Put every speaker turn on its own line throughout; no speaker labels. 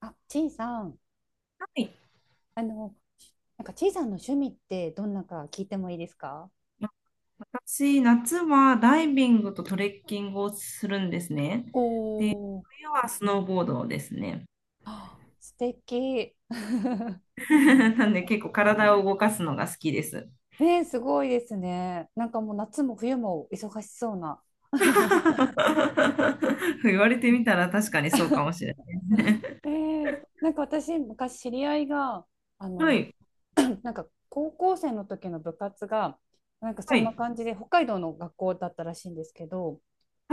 あ、ちいさん、
はい。
あの、なんかちいさんの趣味ってどんなか聞いてもいいですか？
私、夏はダイビングとトレッキングをするんですね。
おお、
冬はスノーボードですね。
あ素敵。
なんで結構体を動かすのが好きです。
ねえ、すごいですね。なんかもう夏も冬も忙しそうな。
言われてみたら確かにそうかもしれ
えなんか私、昔知り合いが、あ
ない。は
の、
い、
なんか高校生の時の部活がなんかそんな感じで北海道の学校だったらしいんですけど、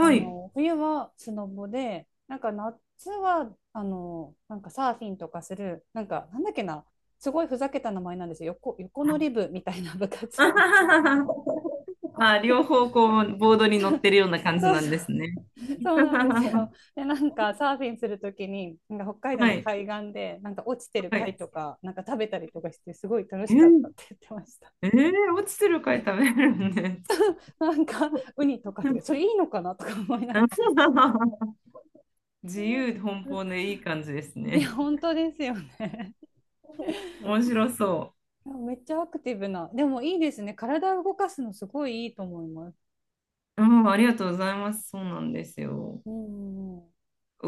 い、はい。
冬はスノボで、なんか夏はなんかサーフィンとかするなんかなんだっけな。すごいふざけた名前なんですよ。横乗り部みたいな部活で
あ、両方こう、ボードに乗ってるような感じ
そう
な
そ
ん
うそ
で
う、
すね。
そうなんですよ。でなんかサーフィンするときになんか北海道
は
の
い、
海岸でなんか落ちてる
はい。
貝とかなんか食べたりとかしてすごい楽
え
しかったっ
ー、
て言ってました。
えー、落ちてる貝食べれるんです。
なんかウニとかそれいいのかなとか思いながら。
自由奔放でいい感じです
いや
ね。
本当ですよね。
面白そ
めっちゃアクティブな。でもいいですね。体を動かすのすごいいいと思います。
う。うん、ありがとうございます。そうなんですよ。
うんうん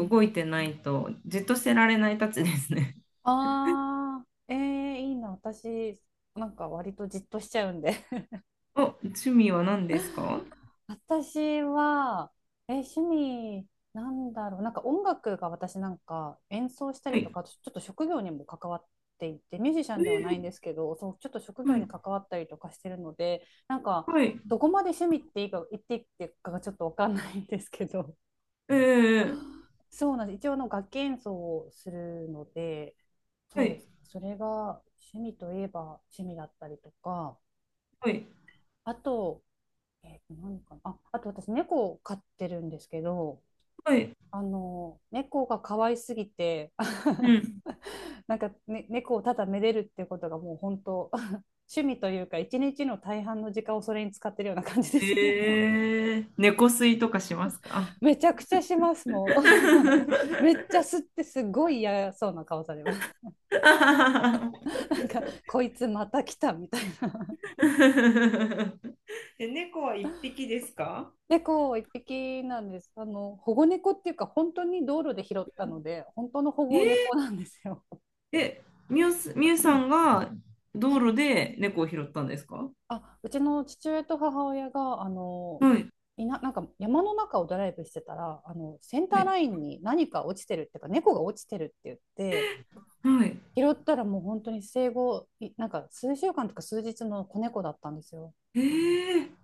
うん。
いてないと、じっとしてられないたちですね。
ああ、いいな。私、なんか割とじっとしちゃうんで。
お、趣味は何ですか？
私は、趣味、なんだろう、なんか音楽が私なんか演奏した
は
りと
い。
か、あとちょっと職業にも関わっていて、ミュージシャンではないんで
え
すけど、そう、ちょっと職
え、
業
はい。
に関わったりとかしてるので、なんか、
はい。
どこまで趣味っていいか、言っていいかがちょっとわかんないんですけど、
ええ、
そうなんです。一応楽器演奏をするので、そ
は
うで
い。
すね。それが趣味といえば趣味だったりとか、
はい。
あと、何かなあ、あと私、猫を飼ってるんですけど、
はい。
猫が可愛すぎて、
う ん。
なんか、ね、猫をただめでるっていうことがもう本当、趣味というか、一日の大半の時間をそれに使ってるような感じですね。
ええ、猫吸いとかしますか？
めちゃくちゃします、もう。めっちゃ吸ってすごい嫌そうな顔されます。なんか、こいつまた来たみたいな。
え、猫は一匹ですか？
猫一匹なんです。保護猫っていうか、本当に道路で拾ったので、本当の保護
ええ。
猫なんですよ。
え、みゆす、みゆさ んが道路で猫を拾ったんですか？
あ、うちの父親と母親が、
はい、
なんか山の中をドライブしてたら、センタ
は
ー
い、
ラインに何か落ちてるっていうか、猫が落ちてるって言って、
はい。
拾ったらもう本当に生後、なんか数週間とか数日の子猫だったんですよ。
ええ。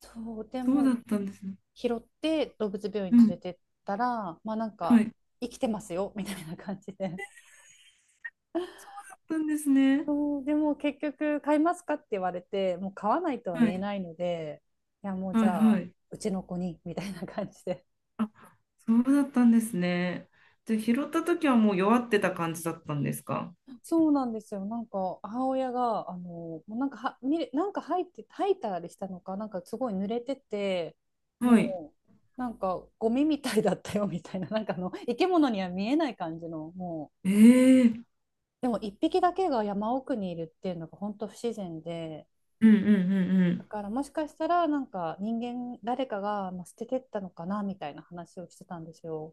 そう、で
そ
も
うだ
う
ったんですね。
拾って動物病院
うん、
連れてったら、まあなん
は
か、
い。
生きてますよ、みたいな感じで。
そうだったんですね。
そう、でも結局、買いますかって言われて、もう買わないとは
は
言え
い、
ないので、いや、もうじ
はい、
ゃ
は
あ、
い。
うちの子に、みたいな感じで。
あ、そうだったんですね。じゃあ、拾った時はもう弱ってた感じだったんですか？
そうなんですよ。なんか母親がもうなんかは見れなんか入って吐いたりしたのかなんかすごい濡れてて、
はい。
もうなんかゴミみたいだったよみたいな、なんか生き物には見えない感じの、も
ええ。
うでも一匹だけが山奥にいるっていうのが本当不自然で、
うんうんうんう
だ
ん。
からもしかしたらなんか人間誰かがまあ捨ててったのかなみたいな話をしてたんですよ。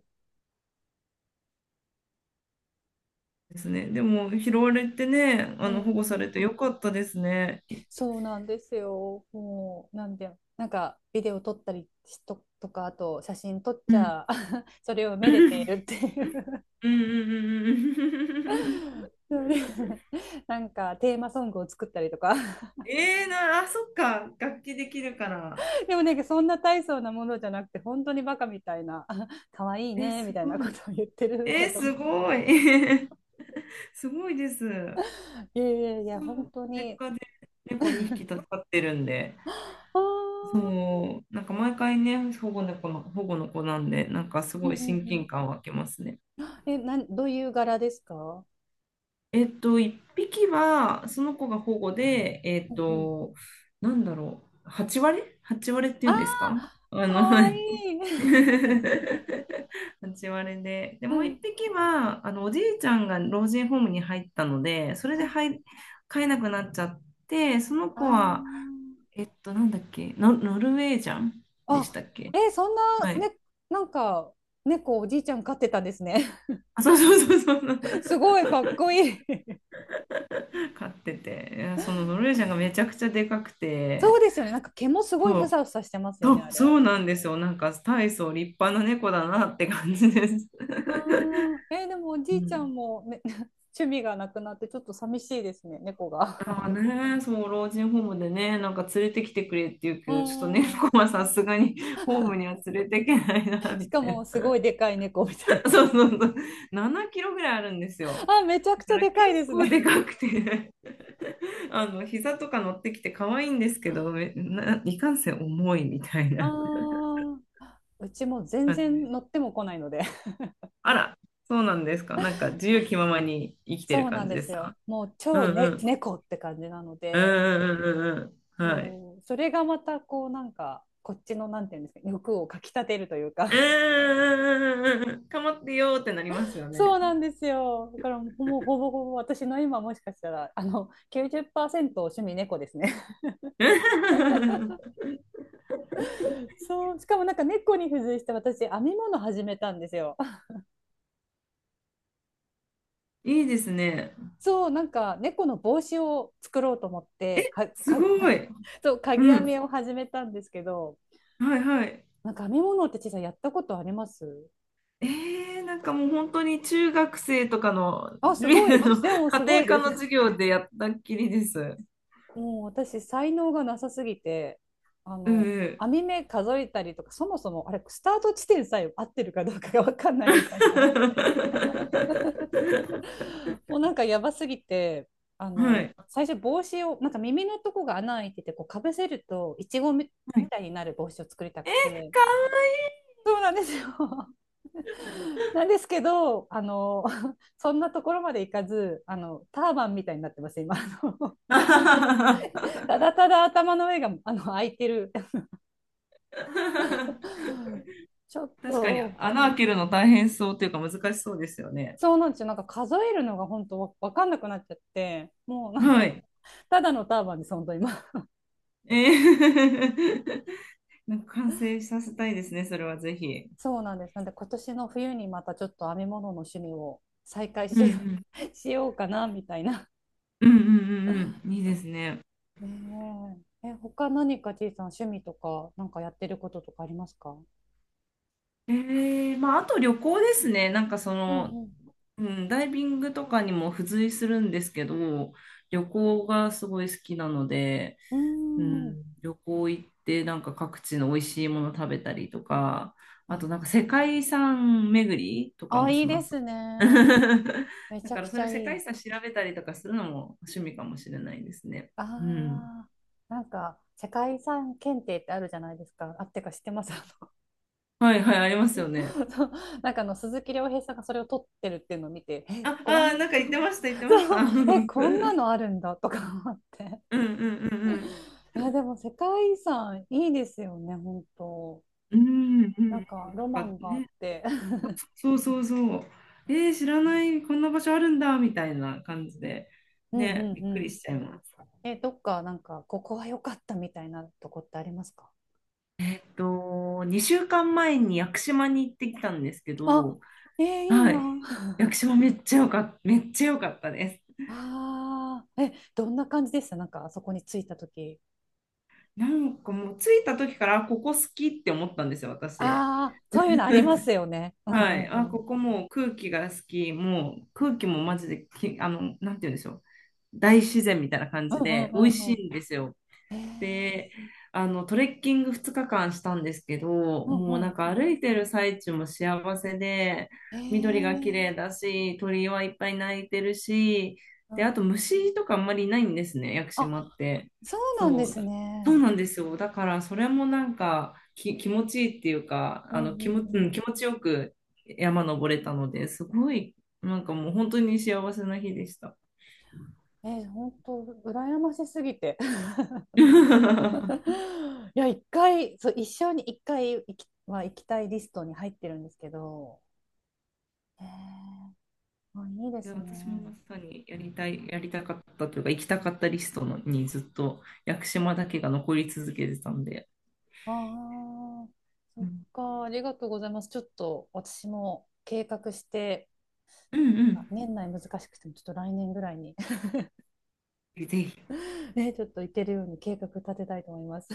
ですね。でも、拾われてね、
う
保護さ
ん、
れてよかったですね。い、
そうなんですよ。もう、なんで、なんか、ビデオ撮ったりとか、あと、写真撮っ
う
ち
ん。
ゃ、それをめでているって いう、
うん。
そうですね。 なんか、テーマソングを作ったりとか。
あ、そっか。楽器できるから。
でもなんか、そんな大層なものじゃなくて、本当にバカみたいな、可愛い
え、
ね、み
す
たいな
ご
こ
い。
とを言ってる
え
歌
ー、
とか。
すごい。すごいです。
いやいやい
そ
や、本
う、
当
実
に。
家で猫2匹飼ってるんで、
あー、
そう、なんか毎回ね、保護の子なんで、なんかす
うん
ご
う
い
ん
親
うん。
近感湧きますね。
え、どういう柄ですか？
1匹は、その子が保護で、
うんうん。
8割？ 8 割って
あ
いうんですか？
あ、か
は
わいい。
い。 8割で。で、
は
もう一
い
匹は、おじいちゃんが老人ホームに入ったので、それ
は
で
い、
入、飼えなくなっちゃって、その子は、
あ
えっと、なんだっけ、ノ、ノルウェージャン
あ。
でしたっけ？
あ、え、そんな、
はい。
ね、なんか、猫おじいちゃん飼ってたんですね。
あ、そう。
すごいかっこいい
飼ってて、いやそのノルウェージャンがめちゃくちゃでかく
そう
て、
ですよね。なんか毛もすごい
そ
ふ
う、
さふさしてますよ
そ
ね、あ
う、そ
れ。
うなんですよ。なんか大層立派な猫だなって感じです。
あー、でもお
う
じいちゃ
ん。
んも、ね、趣味がなくなってちょっと寂しいですね、猫が。
ああね、そう、老人ホームでね、なんか連れてきてくれって言う
う
け
ー
ど、ちょっと猫
ん。
は さすがにホームには連れてけないな、
し
み
か
たい
もす
な。
ごいでかい猫みたい
そうそ
な。
うそう。7キロぐらいあるんです よ。
あ、めちゃくち
だ
ゃ
から
で
結
かいです
構
ね。
でかくて、 膝とか乗ってきて可愛いんですけど、いかんせん重いみたい
あ
な
ー、うちも全
感じで
然乗
す。
っても来ないので。
あら、そうなんですか。なんか自由気ままに生きてる
そうなん
感じ
で
で
す
す
よ。
か。
もう
う
超
んう
ね、
ん。
猫って感じなの
うん
で。
うんうんうんうん。はい。
そう、それがまたこうなんかこっちのなんていうんですか、欲をかきたてるという
う
か。
ーん。かまってよーってなります よ
そう
ね。
なんですよ。だからもうほぼほぼ私の今もしかしたら90%趣味猫ですね。 そう、しかもなんか猫に付随して私編み物始めたんですよ。
いいですね。
そうなんか猫の帽子を作ろうと思って
すごい。
そう、鍵
う
編
ん。
みを始めたんですけど、
はいはい。
なんか編み物ってちさい、やったことあります？
えー、なんかもう本当に中学生とかの、
あ、すごい。でもす
家
ご
庭
い
科
です。
の授業でやったっきりです。
もう私、才能がなさすぎて、
うん。
網目数えたりとか、そもそもあれ、スタート地点さえ合ってるかどうかが分かんないみ たいな。もうなんかやばすぎて、
はい。
最初帽子を、なんか耳のとこが穴開いてて、こうかぶせると、いちごみ
はい。
たいになる帽子を作りた
え、
くて。
かわい
そうなんですよ。なんですけど、そんなところまでいかず、ターバンみたいになってます、今。た
い。
だただ頭の上が開いてる。 ちょっ
確かに
と、
穴開けるの大変そうというか難しそうですよね。
そうなんですよ。なんか数えるのが本当わかんなくなっちゃって、もうなん
は
か、
い。
ただのターバンです、本当今。
えー。 なんか完成させたいですね、それはぜひ。
そうなんです。なんで今年の冬にまたちょっと編み物の趣味を再開
う
しよ
ん
う、しようかな、みたいな。
うん。いいですね。
ねえ。え、他何か T さん趣味とか、なんかやってることとかありますか？
えー、まあ、あと旅行ですね。
うん
うん、ダイビングとかにも付随するんですけど、旅行がすごい好きなので、
う
う
ん。うーん。
ん、旅行行ってなんか各地の美味しいもの食べたりとか、あとなん
あ、
か世界遺産巡りとか
あ、
も
い
し
い
ま
で
す。
す ね。め
だ
ちゃ
か
く
らそ
ち
ういう
ゃ
世
い
界遺
い。
産調べたりとかするのも趣味かもしれないですね。
あ
うん。
あ、なんか世界遺産検定ってあるじゃないですか。あってか、知ってます？
はいはい、ありますよね。
そうなんか鈴木亮平さんがそれを取ってるっていうのを見て、え、こん、
なんか言ってました、言って ました。
そ う、
うん
こんなのあるんだとか思って。
うんうんうん。
いや、でも世界遺産いいですよね、本当。
うん。
なんかロ
な
マ
んか
ンがあっ
ね、
て。
そう。えー、知らない、こんな場所あるんだ、みたいな感じで、
うんう
ね、
ん
びっ
う
くり
ん。
しちゃいます。
え、どっかなんかここは良かったみたいなとこってありますか？
えっと、2週間前に屋久島に行ってきたんですけ
あ、
ど、
えーいい
はい。
な。
屋久島めっちゃよかった、めっちゃ良かったです。
ああ、え、どんな感じでした、なんかあそこに着いた時？
なんかもう着いた時から、あ、ここ好きって思ったんですよ、私。
ああ、そういうのありますよね。うんう
はい。
ん
あ、
うん。
ここもう空気が好き、もう空気もマジでき、あの、なんて言うんでしょう。大自然みたいな感
うん
じ
うん
で
う
美味
んう
しいん
ん。
ですよ。
へえ、
で、トレッキング2日間したんですけど、
うん
もう
う
なん
ん。
か歩いてる最中も幸せで、
へ
緑が
え、
綺麗だし、鳥はいっぱい鳴いてるし、で、あと虫とかあんまりいないんですね、屋久
あ、
島っ
あ、
て。
そうなん
そ
です
う、そう
ね。
なんですよ。だからそれもなんか気持ちいいっていうか、
うんうん
気持ちよく山登れたので、すごい、なんかもう本当に幸せな日でした。
うん。えー、本当、羨ましすぎて。い や、一回、そう、一生に一回は行きたいリストに入ってるんですけど。へえ、あ、いいで
いや、
す
私も
ね。
まさにやりたい、やりたかったというか、行きたかったリストのにずっと屋久島だけが残り続けてたんで、
ああ、そ
う
っ
ん、
か、ありがとうございます。ちょっと私も計画して。
うんうん、
年内難しくても、ちょっと来年ぐらいに
ぜひ
ね、ちょっと行けるように計画立てたいと思います。